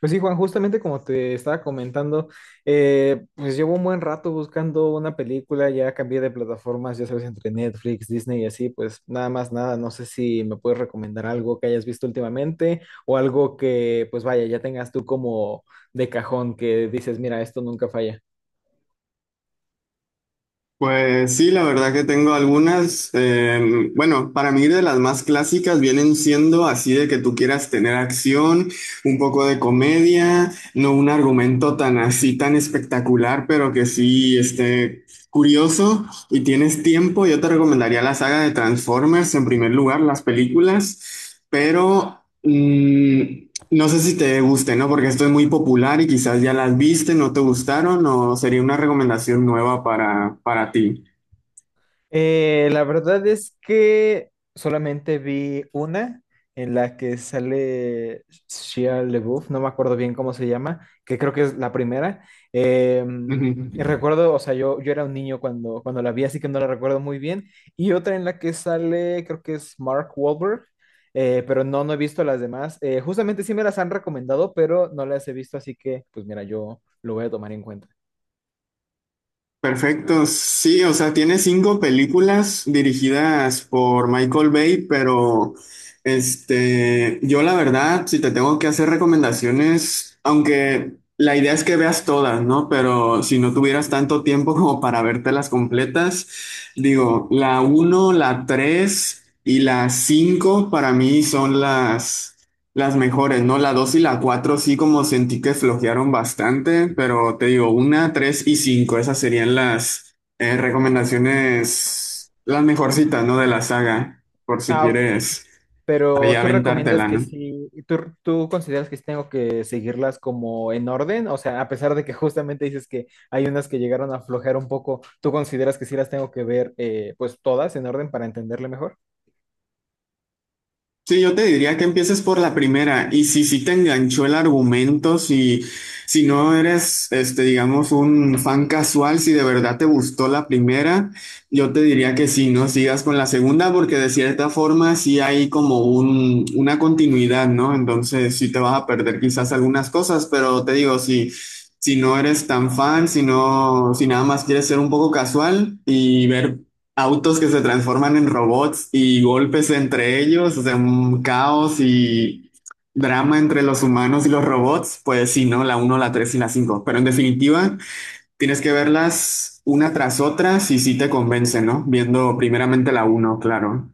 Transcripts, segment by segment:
Pues sí, Juan, justamente como te estaba comentando, pues llevo un buen rato buscando una película. Ya cambié de plataformas, ya sabes, entre Netflix, Disney y así, pues nada más nada. No sé si me puedes recomendar algo que hayas visto últimamente o algo que, pues vaya, ya tengas tú como de cajón, que dices, mira, esto nunca falla. Pues sí, la verdad que tengo algunas. Bueno, para mí de las más clásicas vienen siendo así de que tú quieras tener acción, un poco de comedia, no un argumento tan así, tan espectacular, pero que sí esté curioso y tienes tiempo. Yo te recomendaría la saga de Transformers en primer lugar, las películas, pero... mm, no sé si te guste, ¿no? Porque esto es muy popular y quizás ya las viste, no te gustaron o sería una recomendación nueva para ti. La verdad es que solamente vi una en la que sale Shia LaBeouf. No me acuerdo bien cómo se llama, que creo que es la primera. Eh, y Ujú. recuerdo, o sea, yo era un niño cuando la vi, así que no la recuerdo muy bien. Y otra en la que sale, creo que es Mark Wahlberg, pero no he visto las demás. Justamente sí me las han recomendado, pero no las he visto, así que pues mira, yo lo voy a tomar en cuenta. Perfecto, sí, o sea, tiene 5 películas dirigidas por Michael Bay, pero este, yo la verdad, si te tengo que hacer recomendaciones, aunque la idea es que veas todas, ¿no? Pero si no tuvieras tanto tiempo como para vértelas completas, digo, la uno, la tres y la cinco para mí son las mejores, ¿no? La 2 y la 4 sí como sentí que flojearon bastante, pero te digo, una, 3 y 5 esas serían las recomendaciones, las mejorcitas, ¿no? De la saga, por si Ah, ok. quieres ahí Pero tú recomiendas aventártela, que ¿no? sí, tú consideras que sí tengo que seguirlas como en orden, o sea, a pesar de que justamente dices que hay unas que llegaron a aflojar un poco, ¿tú consideras que sí las tengo que ver, pues todas en orden para entenderle mejor? Sí, yo te diría que empieces por la primera y si sí te enganchó el argumento, si no eres, este, digamos, un fan casual, si de verdad te gustó la primera, yo te diría que sí, no sigas con la segunda porque de cierta forma sí hay como una continuidad, ¿no? Entonces sí te vas a perder quizás algunas cosas, pero te digo, si no eres tan fan, si no, si nada más quieres ser un poco casual y ver autos que se transforman en robots y golpes entre ellos, o sea, un caos y drama entre los humanos y los robots, pues sí, ¿no? La uno, la 3 y la cinco. Pero en definitiva, tienes que verlas una tras otra si sí te convence, ¿no? Viendo primeramente la uno, claro.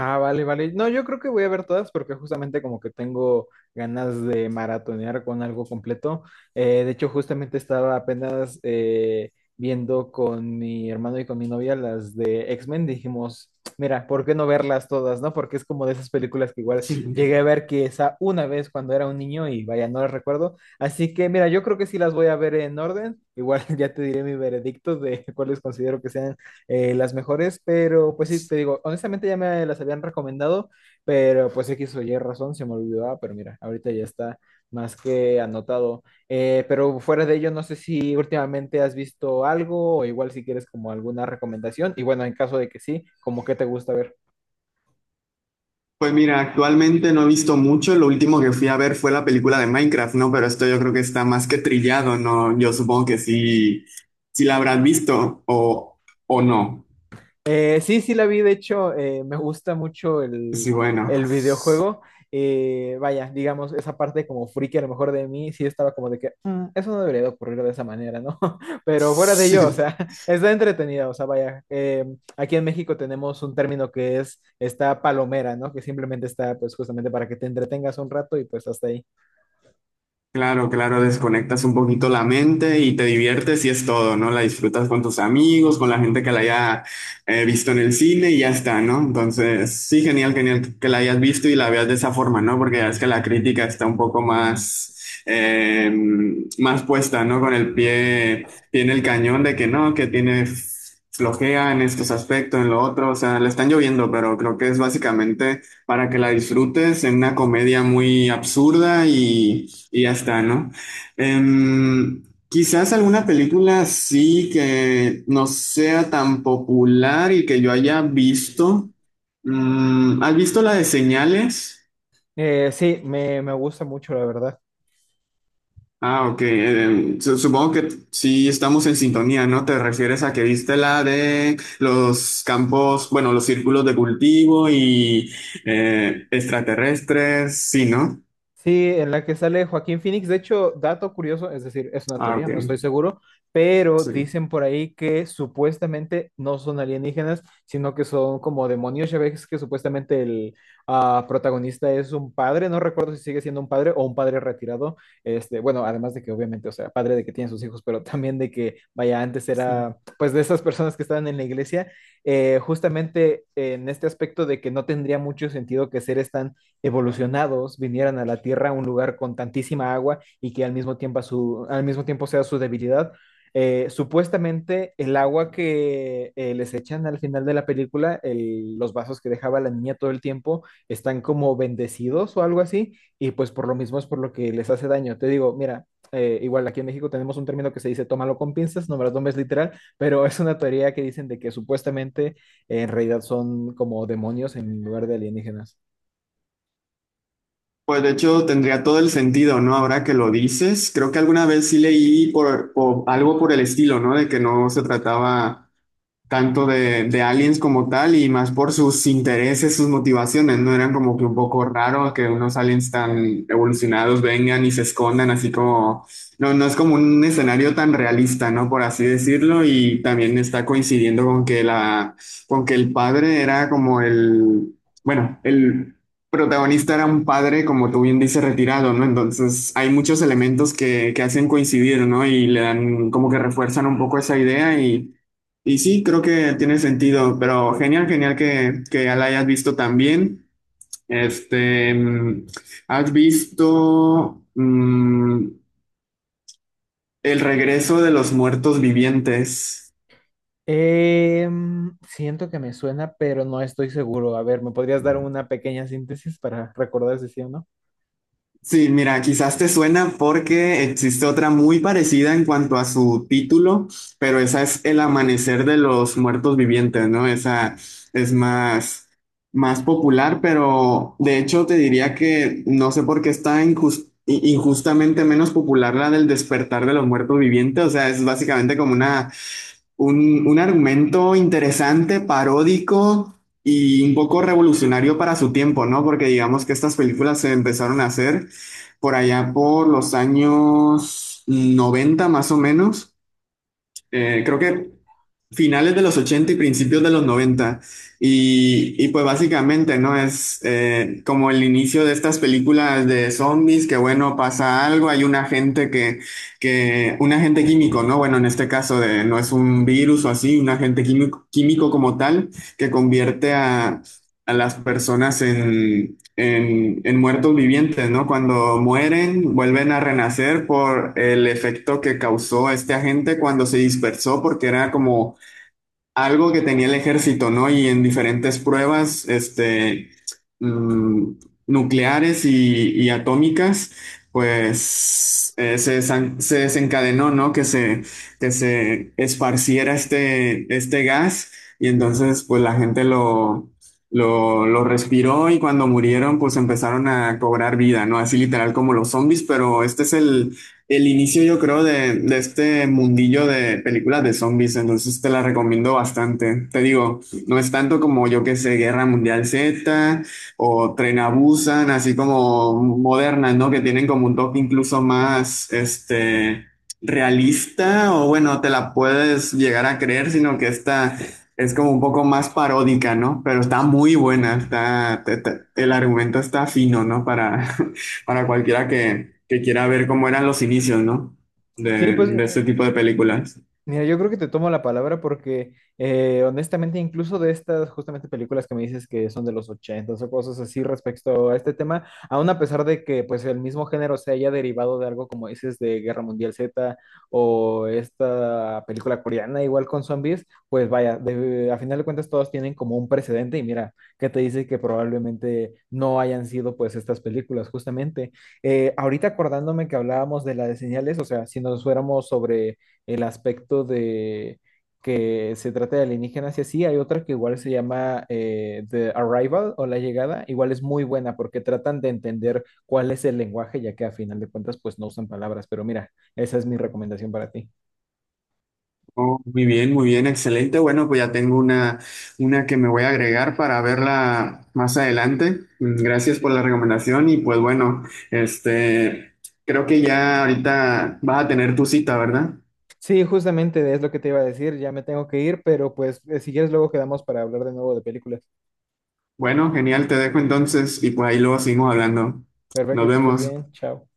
Ah, vale, vale. No, yo creo que voy a ver todas, porque justamente como que tengo ganas de maratonear con algo completo. De hecho, justamente estaba apenas viendo con mi hermano y con mi novia las de X-Men. Dijimos, mira, ¿por qué no verlas todas, no? Porque es como de esas películas que igual Sí. llegué a ver que esa una vez cuando era un niño, y vaya, no las recuerdo. Así que, mira, yo creo que sí las voy a ver en orden. Igual ya te diré mi veredicto de cuáles considero que sean, las mejores, pero pues sí, te digo, honestamente ya me las habían recomendado, pero pues X o Y razón se me olvidaba, pero mira, ahorita ya está más que anotado. Pero fuera de ello, no sé si últimamente has visto algo o igual si quieres como alguna recomendación. Y bueno, en caso de que sí, como qué te gusta ver. Pues mira, actualmente no he visto mucho, lo último que fui a ver fue la película de Minecraft, ¿no? Pero esto yo creo que está más que trillado, ¿no? Yo supongo que sí, sí la habrás visto o no. Sí, sí la vi, de hecho. Me gusta mucho Sí, bueno. el videojuego. Vaya, digamos, esa parte como friki a lo mejor de mí, sí estaba como de que "Mm, eso no debería de ocurrir de esa manera, ¿no?" Pero fuera de ello, o Sí. sea, está entretenida, o sea, vaya, aquí en México tenemos un término que es esta palomera, ¿no? Que simplemente está pues justamente para que te entretengas un rato y pues hasta ahí. Claro, claro, desconectas un poquito la mente y te diviertes y es todo, ¿no? La disfrutas con tus amigos, con la gente que la haya visto en el cine y ya está, ¿no? Entonces, sí, genial, genial que la hayas visto y la veas de esa forma, ¿no? Porque ya es que la crítica está un poco más puesta, ¿no? Con el pie en el cañón de que no, que tiene flojea en estos aspectos, en lo otro, o sea, le están lloviendo, pero creo que es básicamente para que la disfrutes en una comedia muy absurda y ya está, ¿no? Em, Quizás alguna película sí que no sea tan popular y que yo haya visto. ¿Has visto la de Señales? Sí, me gusta mucho, la verdad. Ah, ok. Supongo que sí estamos en sintonía, ¿no? Te refieres a que viste la de los campos, bueno, los círculos de cultivo y extraterrestres, sí, ¿no? Sí, en la que sale Joaquín Phoenix. De hecho, dato curioso, es decir, es una Ah, teoría, ok. no estoy seguro, pero dicen por ahí que supuestamente no son alienígenas, sino que son como demonios. Ya ves que supuestamente el protagonista es un padre. No recuerdo si sigue siendo un padre o un padre retirado. Este, bueno, además de que obviamente, o sea, padre de que tiene sus hijos, pero también de que, vaya, antes Sí. era pues de esas personas que estaban en la iglesia, justamente en este aspecto de que no tendría mucho sentido que seres tan evolucionados vinieran a la Tierra, a un lugar con tantísima agua y que al mismo tiempo, al mismo tiempo sea su debilidad. Supuestamente el agua que les echan al final de la película, los vasos que dejaba la niña todo el tiempo, están como bendecidos o algo así, y pues por lo mismo es por lo que les hace daño. Te digo, mira, igual aquí en México tenemos un término que se dice tómalo con pinzas, no me lo tomes literal, pero es una teoría que dicen de que supuestamente en realidad son como demonios en lugar de alienígenas. Pues de hecho tendría todo el sentido, ¿no? Ahora que lo dices, creo que alguna vez sí leí algo por el estilo, ¿no? De que no se trataba tanto de aliens como tal y más por sus intereses, sus motivaciones, ¿no? Eran como que un poco raro que unos aliens tan evolucionados vengan y se escondan así como, no, no es como un escenario tan realista, ¿no? Por así decirlo. Y también está coincidiendo con que con que el padre era como el, bueno, el protagonista era un padre, como tú bien dices, retirado, ¿no? Entonces hay muchos elementos que hacen coincidir, ¿no? Y le dan como que refuerzan un poco esa idea, y Y sí, creo que tiene sentido, pero genial, genial que ya la hayas visto también. Este, ¿has visto El regreso de los muertos vivientes? Siento que me suena, pero no estoy seguro. A ver, ¿me podrías dar una pequeña síntesis para recordar si sí o no? Sí, mira, quizás te suena porque existe otra muy parecida en cuanto a su título, pero esa es El amanecer de los muertos vivientes, ¿no? Esa es más, más popular, pero de hecho te diría que no sé por qué está injustamente menos popular la del despertar de los muertos vivientes, o sea, es básicamente como un argumento interesante, paródico y un poco revolucionario para su tiempo, ¿no? Porque digamos que estas películas se empezaron a hacer por allá por los años 90, más o menos, creo que finales de los 80 y principios de los 90. Y pues básicamente, ¿no? Es como el inicio de estas películas de zombies, que bueno, pasa algo, hay un agente un agente químico, ¿no? Bueno, en este caso de, no es un virus o así, un agente químico como tal, que convierte a las personas en en muertos vivientes, ¿no? Cuando mueren, vuelven a renacer por el efecto que causó este agente cuando se dispersó, porque era como algo que tenía el ejército, ¿no? Y en diferentes pruebas, este, mm, nucleares y atómicas, pues se desencadenó, ¿no? Que se esparciera este, este gas y entonces, pues la gente lo respiró y cuando murieron, pues empezaron a cobrar vida, ¿no? Así literal como los zombies, pero este es el inicio, yo creo, de este mundillo de películas de zombies. Entonces te la recomiendo bastante. Te digo, no es tanto como yo que sé, Guerra Mundial Z o Tren a Busan, así como modernas, ¿no? Que tienen como un toque incluso más, este, realista o bueno, te la puedes llegar a creer, sino que esta es como un poco más paródica, ¿no? Pero está muy buena, está, el argumento está fino, ¿no? Para, para cualquiera que quiera ver cómo eran los inicios, ¿no? Sí, pues De este tipo de películas. mira, yo creo que te tomo la palabra, porque honestamente incluso de estas justamente películas que me dices que son de los 80 o cosas así respecto a este tema, aún a pesar de que pues el mismo género se haya derivado de algo como dices de Guerra Mundial Z o esta película coreana igual con zombies, pues vaya, a final de cuentas todos tienen como un precedente, y mira, que te dice que probablemente no hayan sido pues estas películas justamente. Ahorita acordándome que hablábamos de la de Señales, o sea, si nos fuéramos sobre el aspecto de que se trata de alienígenas y así. Hay otra que igual se llama, The Arrival o La Llegada. Igual es muy buena porque tratan de entender cuál es el lenguaje, ya que a final de cuentas pues no usan palabras. Pero mira, esa es mi recomendación para ti. Oh, muy bien, excelente. Bueno, pues ya tengo una que me voy a agregar para verla más adelante. Gracias por la recomendación y pues bueno, este, creo que ya ahorita vas a tener tu cita, ¿verdad? Sí, justamente es lo que te iba a decir. Ya me tengo que ir, pero pues si quieres luego quedamos para hablar de nuevo de películas. Bueno, genial, te dejo entonces y pues ahí luego seguimos hablando. Nos Perfecto, que estés vemos. bien. Chao.